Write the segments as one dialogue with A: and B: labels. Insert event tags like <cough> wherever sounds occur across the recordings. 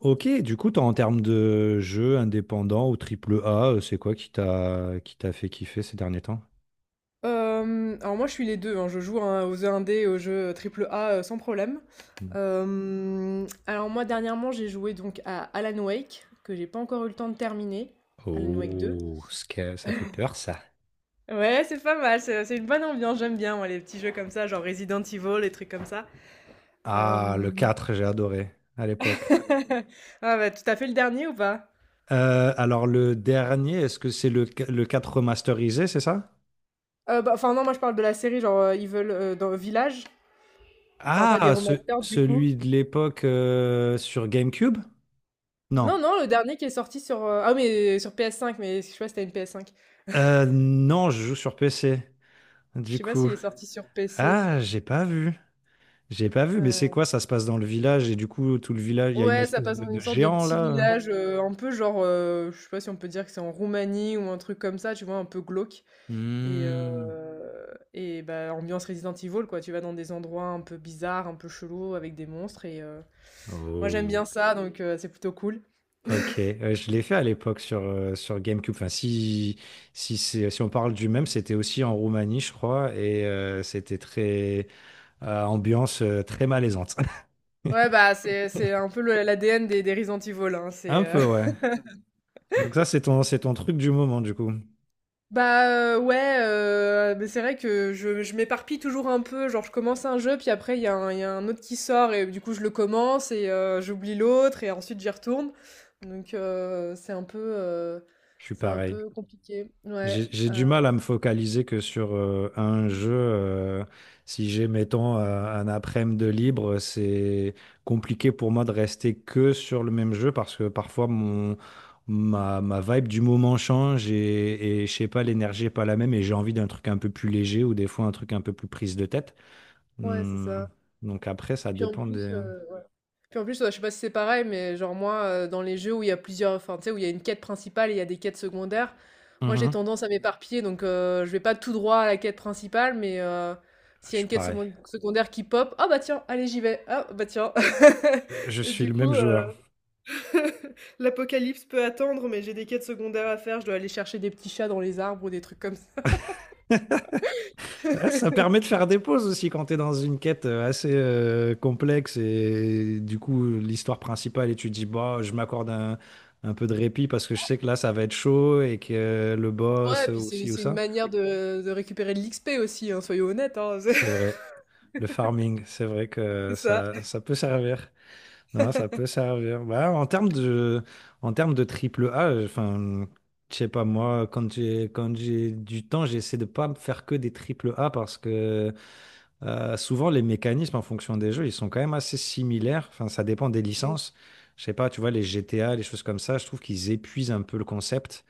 A: Ok, du coup, toi, en termes de jeux indépendants ou triple A, c'est quoi qui t'a fait kiffer ces derniers temps?
B: Alors moi je suis les 2, hein, je joue hein, aux jeux indés, aux jeux triple A, sans problème. Alors moi dernièrement j'ai joué donc à Alan Wake, que j'ai pas encore eu le temps de terminer, Alan Wake 2.
A: Oh, ça fait peur, ça.
B: Ouais, c'est pas mal, c'est une bonne ambiance, j'aime bien moi les petits jeux comme ça, genre Resident Evil, les trucs comme ça.
A: Ah, le
B: Hem,
A: 4, j'ai adoré à l'époque.
B: <laughs> ah bah, tout à fait le dernier ou pas?
A: Alors, le dernier, est-ce que c'est le quatre remasterisé, c'est ça?
B: Bah, enfin non, moi je parle de la série genre, Evil, dans Village, je parle pas des
A: Ah,
B: remasters du coup.
A: celui de l'époque sur GameCube? Non.
B: Non, non, le dernier qui est sorti sur, ah mais sur PS5, mais je sais pas si tu as une PS5.
A: Non, je joue sur PC,
B: Je
A: du
B: sais pas
A: coup.
B: s'il est sorti sur PC.
A: Ah, j'ai pas vu. J'ai pas vu, mais c'est
B: Heu,
A: quoi? Ça se passe dans le village et du coup, tout le village, il y a une
B: ouais, ça
A: espèce
B: passe dans une
A: de
B: sorte de
A: géant
B: petit
A: là.
B: village, un peu genre, je sais pas si on peut dire que c'est en Roumanie ou un truc comme ça, tu vois? Un peu glauque et heu
A: Hmm.
B: et bah, ambiance Resident Evil, quoi. Tu vas dans des endroits un peu bizarres, un peu chelous avec des monstres et moi j'aime
A: Oh,
B: bien ça donc c'est plutôt cool.
A: ok. Je l'ai fait à l'époque sur, sur GameCube. Enfin, si, si on parle du même, c'était aussi en Roumanie, je crois, et c'était très ambiance très malaisante.
B: Ouais,
A: <laughs>
B: bah, c'est un peu le l'ADN des Resident Evil, hein, c'est,
A: Un peu, ouais. Donc ça, c'est ton truc du moment, du coup.
B: bah, ouais, mais c'est vrai que je m'éparpille toujours un peu, genre je commence un jeu, puis après il y a un autre qui sort et du coup je le commence et j'oublie l'autre et ensuite j'y retourne. Donc c'est un peu, heu,
A: Je suis
B: c'est un
A: pareil.
B: peu compliqué. Ouais,
A: J'ai du mal à me focaliser que sur un jeu. Si j'ai, mettons, un après-midi de libre, c'est compliqué pour moi de rester que sur le même jeu parce que parfois ma, ma vibe du moment change et je sais pas, l'énergie est pas la même et j'ai envie d'un truc un peu plus léger ou des fois un truc un peu plus prise de tête.
B: ouais, c'est
A: Hmm.
B: ça.
A: Donc après, ça
B: Puis en
A: dépend
B: plus,
A: des...
B: heu Puis en plus, ouais, je sais pas si c'est pareil, mais genre moi, dans les jeux où il y a plusieurs, enfin, tu sais, où il y a une quête principale et il y a des quêtes secondaires, moi j'ai
A: Mhm.
B: tendance à m'éparpiller, donc je vais pas tout droit à la quête principale, mais
A: Je
B: s'il y a
A: suis
B: une quête
A: pareil.
B: secondaire qui pop, ah bah tiens, allez j'y vais, ah bah tiens.
A: Je
B: <laughs> Et
A: suis
B: du
A: le
B: coup,
A: même joueur.
B: <laughs> l'apocalypse peut attendre, mais j'ai des quêtes secondaires à faire, je dois aller chercher des petits chats dans les arbres ou des trucs comme ça.
A: Ouais,
B: <laughs>
A: ça permet de faire des pauses aussi quand tu es dans une quête assez complexe et du coup l'histoire principale et tu te dis bah je m'accorde un peu de répit parce que je sais que là ça va être chaud et que le
B: Ouais,
A: boss
B: et puis
A: ou
B: c'est
A: ci ou
B: c'est une
A: ça.
B: manière de récupérer de l'XP aussi, hein, soyons honnêtes, hein, <laughs>
A: C'est vrai. Le farming, c'est vrai que
B: c'est ça.
A: ça peut servir. Non, ça peut servir. Bah, en termes en termes de triple A, enfin, je sais pas, moi, quand j'ai du temps, j'essaie de pas me faire que des triple A parce que souvent, les mécanismes en fonction des jeux, ils sont quand même assez similaires. Enfin, ça dépend des licences. Je sais pas, tu vois, les GTA, les choses comme ça, je trouve qu'ils épuisent un peu le concept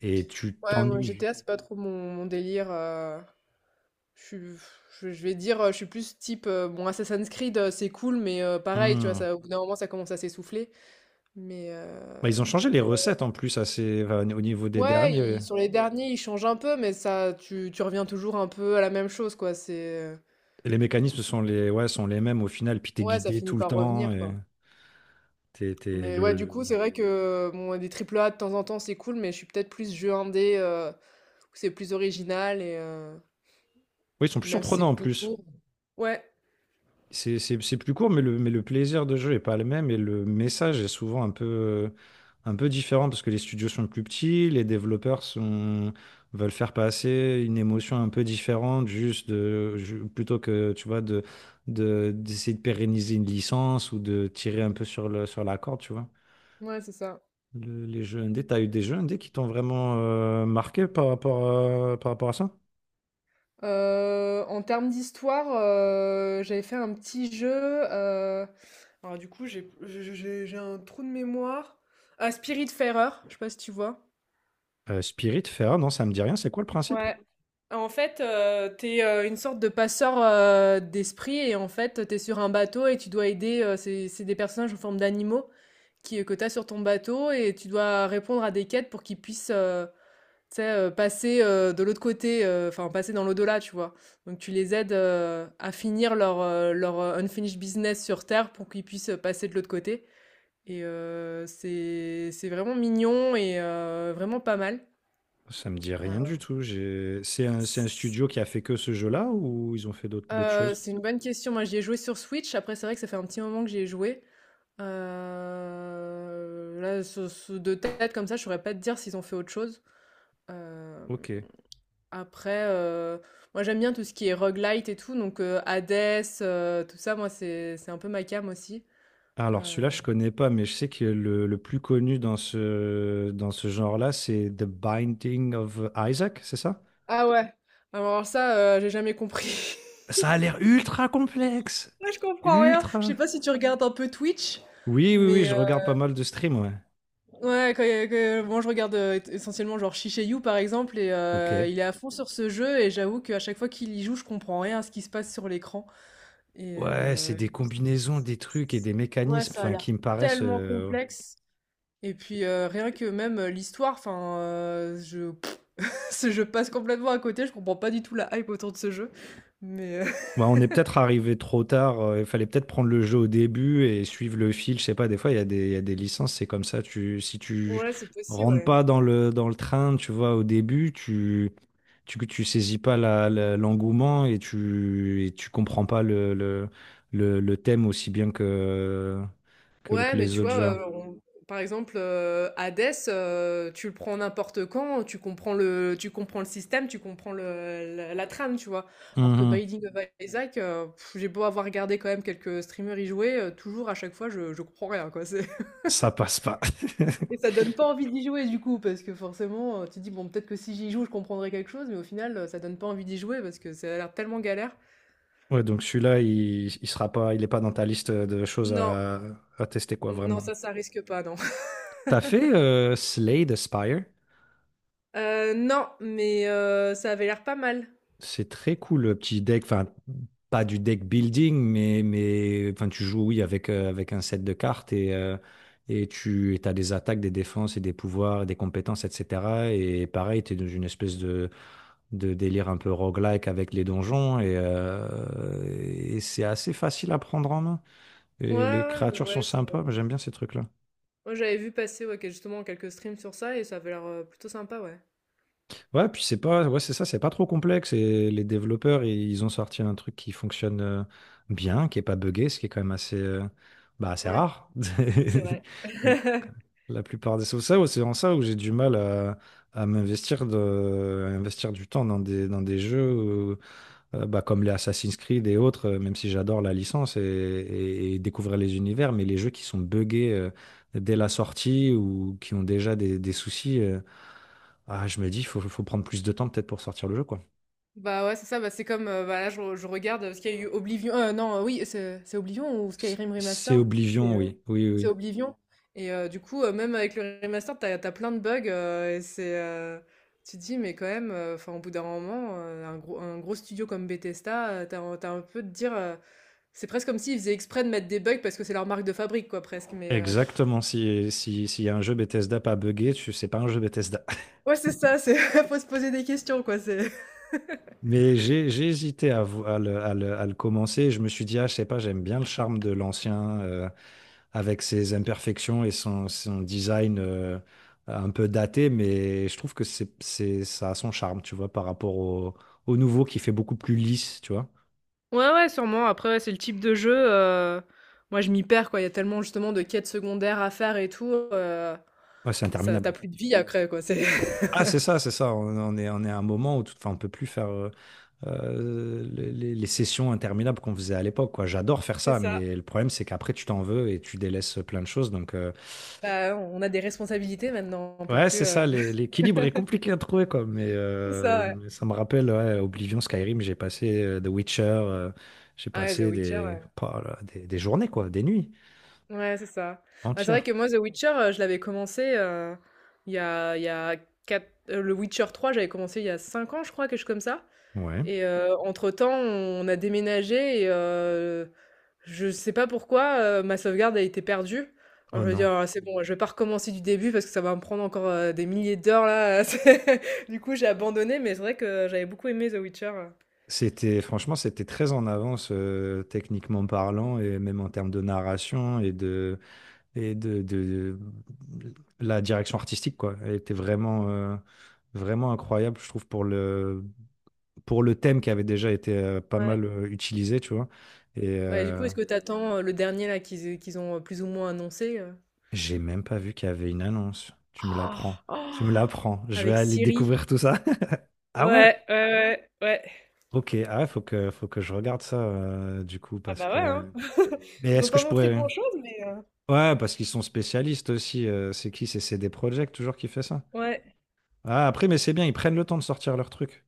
A: et tu
B: Ouais, moi
A: t'ennuies vite.
B: GTA, c'est pas trop mon délire. Je suis, je vais dire, je suis plus type. Bon, Assassin's Creed, c'est cool, mais pareil, tu vois,
A: Hmm.
B: ça, au bout d'un moment, ça commence à s'essouffler. Mais
A: Bah, ils ont changé les recettes en plus assez, enfin, au niveau des
B: ouais,
A: derniers.
B: sur les derniers, ils changent un peu, mais ça, tu reviens toujours un peu à la même chose, quoi. C'est,
A: Les mécanismes sont ouais, sont les mêmes au final, puis t'es
B: ouais, ça
A: guidé
B: finit
A: tout le
B: par
A: temps.
B: revenir,
A: Et
B: quoi.
A: t'es
B: Mais ouais,
A: le,
B: du coup,
A: le-
B: c'est vrai que bon, ouais, des triple A de temps en temps, c'est cool, mais je suis peut-être plus jeu indé, où c'est plus original et, euh,
A: Oui, ils sont
B: et
A: plus
B: même si c'est
A: surprenants en
B: plus
A: plus.
B: court. Ouais,
A: C'est plus court, mais le plaisir de jeu est pas le même et le message est souvent un peu différent parce que les studios sont plus petits, veulent faire passer une émotion un peu différente, plutôt que tu vois, d'essayer de pérenniser une licence ou de tirer un peu sur sur la corde, tu vois.
B: ouais, c'est ça.
A: Les jeux indés, t'as eu des jeux indés qui t'ont vraiment marqué par rapport, par rapport à ça?
B: En termes d'histoire, j'avais fait un petit jeu, heu, alors du coup, j'ai je j'ai un trou de mémoire. Ah, Spiritfarer, je sais pas si tu vois?
A: Spirit, Feral, non, ça me dit rien. C'est quoi le principe?
B: Ouais. En fait, tu es, une sorte de passeur, d'esprit et en fait, t'es sur un bateau et tu dois aider, c'est des personnages en forme d'animaux qui que t'as sur ton bateau et tu dois répondre à des quêtes pour qu'ils puissent, tu sais, passer, de l'autre côté, enfin passer dans l'au-delà, tu vois? Donc tu les aides, à finir leur, unfinished business sur terre pour qu'ils puissent, passer de l'autre côté et c'est vraiment mignon et vraiment pas mal.
A: Ça me dit rien du
B: Alors
A: tout. J'ai... c'est un studio qui a fait que ce jeu-là ou ils ont fait d'autres choses?
B: c'est une bonne question. Moi, j'y ai joué sur Switch. Après, c'est vrai que ça fait un petit moment que j'y ai joué. Là, ce de tête comme ça, je saurais pas te dire s'ils ont fait autre chose. Hem
A: Ok.
B: Après, moi j'aime bien tout ce qui est roguelite et tout, donc Hades, tout ça, moi c'est un peu ma came aussi.
A: Alors celui-là,
B: Mmh.
A: je connais pas, mais je sais que le plus connu dans dans ce genre-là, c'est The Binding of Isaac, c'est ça?
B: Ah ouais! Alors ça, j'ai jamais compris.
A: Ça a l'air ultra complexe.
B: <laughs> Moi je comprends rien. Je
A: Ultra.
B: sais pas si tu regardes un peu Twitch,
A: Oui, oui, oui,
B: mais
A: je regarde pas mal de streams, ouais.
B: ouais, que moi je regarde, essentiellement genre Shiseiyu par exemple et
A: Ok.
B: il est à fond sur ce jeu et j'avoue qu'à chaque fois qu'il y joue, je comprends rien à ce qui se passe sur l'écran et
A: Ouais, c'est des combinaisons, des trucs et des
B: ouais,
A: mécanismes,
B: ça a
A: enfin,
B: l'air
A: qui me paraissent
B: tellement complexe. Et puis rien que même l'histoire, enfin, je, <laughs> je passe complètement à côté, je comprends pas du tout la hype autour de ce jeu. Mais <laughs>
A: Ouais, on est peut-être arrivé trop tard. Il fallait peut-être prendre le jeu au début et suivre le fil. Je sais pas, des fois, il y a il y a des licences, c'est comme ça. Si tu
B: Ouais, c'est possible,
A: rentres
B: ouais.
A: pas dans dans le train, tu vois, au début, tu saisis pas l'engouement et tu comprends pas le thème aussi bien
B: Ouais,
A: que
B: mais
A: les
B: tu
A: autres
B: vois,
A: jeux.
B: par exemple, Hades, tu le prends n'importe quand, tu comprends le système, tu comprends la trame, tu vois. Alors que
A: Mhm.
B: Binding of Isaac, pff, j'ai beau avoir regardé quand même quelques streamers y jouer, toujours à chaque fois, je comprends rien, quoi.
A: Ça passe pas. <laughs>
B: Et ça donne pas envie d'y jouer du coup, parce que forcément, tu te dis, bon, peut-être que si j'y joue, je comprendrai quelque chose, mais au final, ça donne pas envie d'y jouer parce que ça a l'air tellement galère.
A: Ouais, donc celui-là, il sera pas, il est pas dans ta liste de choses
B: Non,
A: à tester, quoi,
B: non,
A: vraiment.
B: ça risque pas, non. <laughs>
A: T'as fait Slay the Spire?
B: Non, mais ça avait l'air pas mal.
A: C'est très cool le petit deck, enfin pas du deck building, mais enfin, tu joues oui avec, avec un set de cartes et tu as des attaques, des défenses et des pouvoirs, et des compétences, etc. Et pareil, tu es dans une espèce de délire un peu roguelike avec les donjons et c'est assez facile à prendre en main.
B: Ouais,
A: Et les
B: ouais, ouais,
A: créatures sont
B: ouais.
A: sympas, moi, j'aime bien ces trucs-là.
B: Moi, j'avais vu passer ouais, justement quelques streams sur ça et ça avait l'air plutôt sympa, ouais.
A: Ouais, puis c'est pas, ouais, c'est ça, c'est pas trop complexe. Et ils ont sorti un truc qui fonctionne bien, qui est pas buggé, ce qui est quand même assez, bah, assez
B: Ouais,
A: rare.
B: c'est vrai.
A: <laughs>
B: <laughs>
A: La plupart des, c'est ça, c'est en ça où j'ai du mal à m'investir à investir du temps dans des jeux où, bah, comme les Assassin's Creed et autres, même si j'adore la licence et, et découvrir les univers, mais les jeux qui sont buggés dès la sortie ou qui ont déjà des soucis. Ah, je me dis, il faut, faut prendre plus de temps peut-être pour sortir le jeu, quoi.
B: Bah ouais, c'est ça, bah c'est comme, bah là je regarde, parce qu'il y a eu Oblivion, non, oui, c'est Oblivion ou Skyrim
A: C'est
B: Remastered? C'est,
A: Oblivion,
B: heu,
A: oui. Oui,
B: c'est
A: oui.
B: Oblivion et du coup, même avec le remastered, t'as plein de bugs, et c'est, tu te dis: «Mais quand même, enfin au bout d'un moment, un gros studio comme Bethesda, t'as un tu un peu de dire, c'est presque comme s'ils faisaient exprès de mettre des bugs parce que c'est leur marque de fabrique quoi presque» mais
A: Exactement. Si, s'il y a un jeu Bethesda pas buggé, c'est pas un jeu Bethesda.
B: ouais c'est ça, c'est <laughs> faut se poser des questions quoi, c'est
A: <laughs> Mais j'ai hésité à, à le commencer. Je me suis dit, ah, je sais pas, j'aime bien le charme de l'ancien avec ses imperfections et son design un peu daté, mais je trouve que c'est, ça a son charme, tu vois, par rapport au nouveau qui fait beaucoup plus lisse, tu vois.
B: Ouais, ouais, sûrement. Après, ouais, c'est le type de jeu, moi, je m'y perds, quoi. Il y a tellement, justement, de quêtes secondaires à faire et tout,
A: Ouais, c'est
B: ça tu
A: interminable.
B: plus de vie après, quoi. C'est
A: Ah, c'est ça, c'est ça. On est à un moment où tout, enfin, on peut plus faire les sessions interminables qu'on faisait à l'époque, quoi. J'adore faire
B: <laughs> c'est
A: ça,
B: ça.
A: mais le problème, c'est qu'après, tu t'en veux et tu délaisses plein de choses. Donc,
B: Bah, on a des responsabilités maintenant, on peut
A: ouais,
B: plus,
A: c'est ça.
B: <laughs>
A: L'équilibre est compliqué à trouver, quoi.
B: c'est ça, ouais.
A: Mais ça me rappelle ouais, Oblivion, Skyrim. J'ai passé The Witcher. J'ai
B: Ah ouais, The
A: passé
B: Witcher,
A: des,
B: ouais.
A: pas, là, des journées, quoi, des nuits
B: Ouais, c'est ça. Bah, c'est vrai
A: entières.
B: que moi, The Witcher, je l'avais commencé, il y a il y a 4 heu, le Witcher 3 j'avais commencé il y a 5 ans, je crois, quelque chose comme ça
A: Ouais.
B: et entre-temps, on a déménagé et je sais pas pourquoi, ma sauvegarde a été perdue.
A: Oh
B: Alors je me dis:
A: non.
B: «Oh c'est bon, je vais pas recommencer du début parce que ça va me prendre encore, des milliers d'heures là, <laughs> c'est» du coup j'ai abandonné, mais c'est vrai que j'avais beaucoup aimé The Witcher.
A: C'était franchement, c'était très en avance techniquement parlant et même en termes de narration et de et de- la direction artistique quoi. Elle était vraiment vraiment incroyable, je trouve pour le thème qui avait déjà été pas
B: Ouais.
A: mal utilisé, tu vois. Et
B: Bah, du coup, est-ce que t'attends attends, le dernier là qu'ils ont, plus ou moins annoncé?
A: j'ai même pas vu qu'il y avait une annonce. Tu me l'apprends. Tu me l'apprends. Je vais
B: Avec
A: aller
B: Siri.
A: découvrir tout ça. <laughs> Ah ouais?
B: Ouais, ouais, ouais, ouais.
A: Ok. Ah ouais, faut que je regarde ça du coup
B: Ah
A: parce
B: bah, ouais, hein.
A: que.
B: <laughs>
A: Mais
B: Ils ont
A: est-ce que
B: pas
A: je
B: montré
A: pourrais.
B: grand chose, mais,
A: Ouais, parce qu'ils sont spécialistes aussi. C'est qui? C'est CD Projekt toujours qui fait ça.
B: ouais.
A: Ah, après, mais c'est bien, ils prennent le temps de sortir leur truc.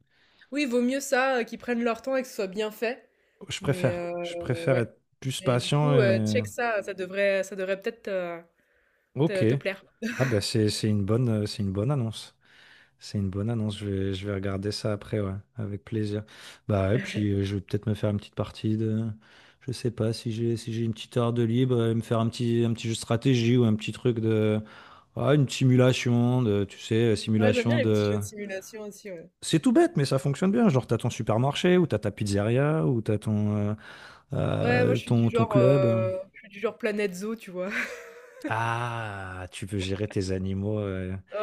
B: Oui, vaut mieux ça, qu'ils prennent leur temps et que ce soit bien fait,
A: Je
B: mais,
A: préfère. Je préfère
B: ouais.
A: être plus
B: Et du
A: patient
B: coup,
A: et...
B: check ça, ça devrait peut-être te
A: Ok.
B: te te plaire.
A: Ah bah c'est une bonne annonce. C'est une bonne annonce. Je vais regarder ça après, ouais, avec plaisir. Bah et puis je vais peut-être me faire une petite partie de. Je sais pas si j'ai une petite heure de libre, me faire un petit jeu de stratégie ou un petit truc de. Ah, une simulation de, tu sais,
B: Ouais, j'aime bien
A: simulation
B: les petits jeux
A: de.
B: de simulation aussi, ouais.
A: C'est tout bête, mais ça fonctionne bien. Genre, t'as ton supermarché, ou t'as ta pizzeria, ou t'as ton,
B: Ouais, moi je suis du
A: ton
B: genre,
A: club.
B: je suis du genre Planet Zoo, tu vois? <laughs>
A: Ah, tu veux gérer tes animaux
B: Ouais,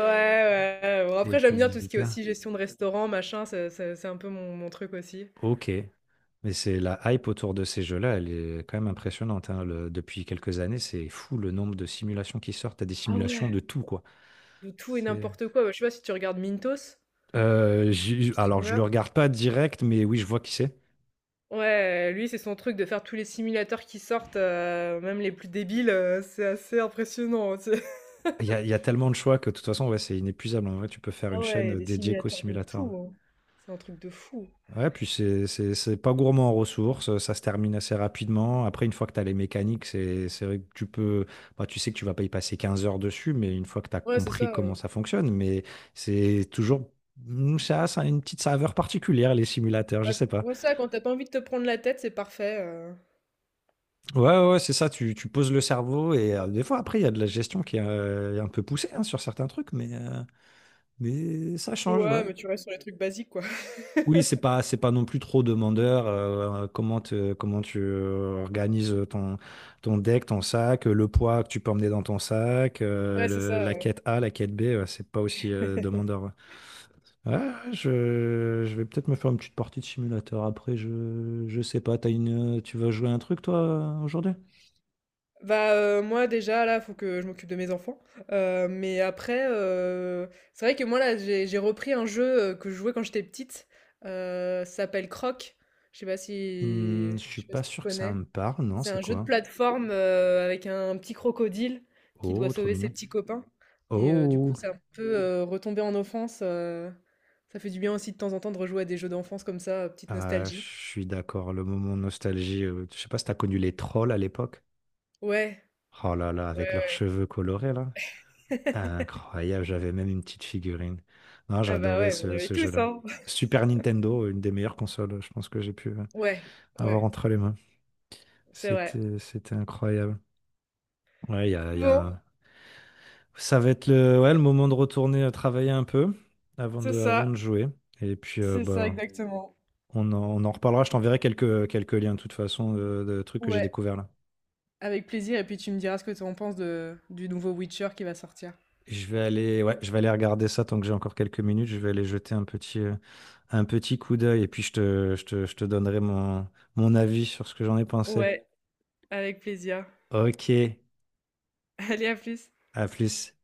B: ouais, bon
A: et
B: après
A: tes
B: j'aime bien tout ce qui est
A: visiteurs.
B: aussi gestion de restaurant, machin, ça c'est un peu mon truc aussi.
A: Ok. Mais c'est la hype autour de ces jeux-là, elle est quand même impressionnante. Hein. Depuis quelques années, c'est fou le nombre de simulations qui sortent. T'as des
B: Ah
A: simulations
B: ouais,
A: de tout, quoi.
B: de tout et
A: C'est...
B: n'importe quoi. Bah, je sais pas si tu regardes Mintos, un
A: Alors, je
B: streamer?
A: le regarde pas direct, mais oui, je vois qui c'est.
B: Ouais, lui c'est son truc de faire tous les simulateurs qui sortent, même les plus débiles, c'est assez impressionnant, hein, tu sais?
A: Il y a tellement de choix que de toute façon, ouais, c'est inépuisable. En vrai, tu peux faire une
B: Ah ouais, il y a
A: chaîne
B: des
A: dédiée qu'au
B: simulateurs de
A: simulateur.
B: tout, hein. C'est un truc de fou.
A: Ouais, puis c'est pas gourmand en ressources, ça se termine assez rapidement. Après, une fois que tu as les mécaniques, c'est vrai que tu peux. Bah, tu sais que tu vas pas y passer 15 heures dessus, mais une fois que tu as
B: Ouais, c'est
A: compris
B: ça,
A: comment ça fonctionne, mais c'est toujours. Mm, ça a une petite saveur particulière, les simulateurs, je
B: bah,
A: sais pas.
B: ouais, ça, quand t'as pas envie de te prendre la tête, c'est parfait,
A: Ouais, ouais, ouais, c'est ça, tu poses le cerveau et des fois, après, il y a de la gestion qui est un peu poussée hein, sur certains trucs, mais ça change, ouais.
B: ouais, mais tu restes sur les trucs basiques, quoi.
A: Oui,
B: <laughs>
A: c'est pas non plus trop demandeur. Comment te- comment tu organises ton, ton deck, ton sac, le poids que tu peux emmener dans ton sac,
B: Ouais, c'est ça,
A: la
B: ouais.
A: quête A, la quête B, ouais, c'est pas aussi demandeur. Ouais, ouais, ouais, je vais peut-être me faire une petite partie de simulateur après. Je sais pas. T'as une, tu vas jouer un truc toi aujourd'hui?
B: Bah, moi, déjà, là, faut que je m'occupe de mes enfants, mais après, c'est vrai que moi, là, j'ai repris un jeu, que je jouais quand j'étais petite, ça s'appelle Croc. Je sais pas
A: Hmm,
B: si
A: je
B: je
A: suis
B: sais pas
A: pas
B: si tu
A: sûr que ça
B: connais?
A: me parle. Non,
B: C'est
A: c'est
B: un jeu de
A: quoi?
B: plateforme, avec un petit crocodile qui doit
A: Oh, trop
B: sauver ses
A: mignon.
B: petits copains et du coup,
A: Oh,
B: c'est un peu, retomber en enfance, ça fait du bien aussi de temps en temps de rejouer à des jeux d'enfance comme ça, petite
A: ah, je
B: nostalgie.
A: suis d'accord. Le moment nostalgie. Je sais pas si t'as connu les trolls à l'époque.
B: Ouais,
A: Oh là là,
B: ouais,
A: avec leurs
B: ouais.
A: cheveux colorés là. Incroyable, j'avais même une petite figurine. Non,
B: Ah bah,
A: j'adorais
B: ouais, on
A: ce,
B: avait
A: ce
B: tous,
A: jeu-là.
B: hein.
A: Super Nintendo, une des meilleures consoles, je pense que j'ai pu
B: Ouais,
A: avoir
B: ouais,
A: entre les mains.
B: c'est vrai.
A: C'était, c'était incroyable. Ouais, il y a, il y
B: Bon,
A: a- Ça va être le, ouais, le moment de retourner travailler un peu
B: c'est
A: avant de
B: ça,
A: jouer. Et puis,
B: c'est ça
A: bah,
B: exactement.
A: on en reparlera. Je t'enverrai quelques, quelques liens, de toute façon, de trucs que j'ai
B: Ouais,
A: découverts là.
B: avec plaisir et puis tu me diras ce que tu en penses de du nouveau Witcher qui va sortir.
A: Je vais aller, ouais, je vais aller regarder ça tant que j'ai encore quelques minutes. Je vais aller jeter un petit coup d'œil et puis je te donnerai mon, mon avis sur ce que j'en ai pensé.
B: Ouais, avec plaisir.
A: Ok,
B: <laughs> Allez, à plus.
A: à plus.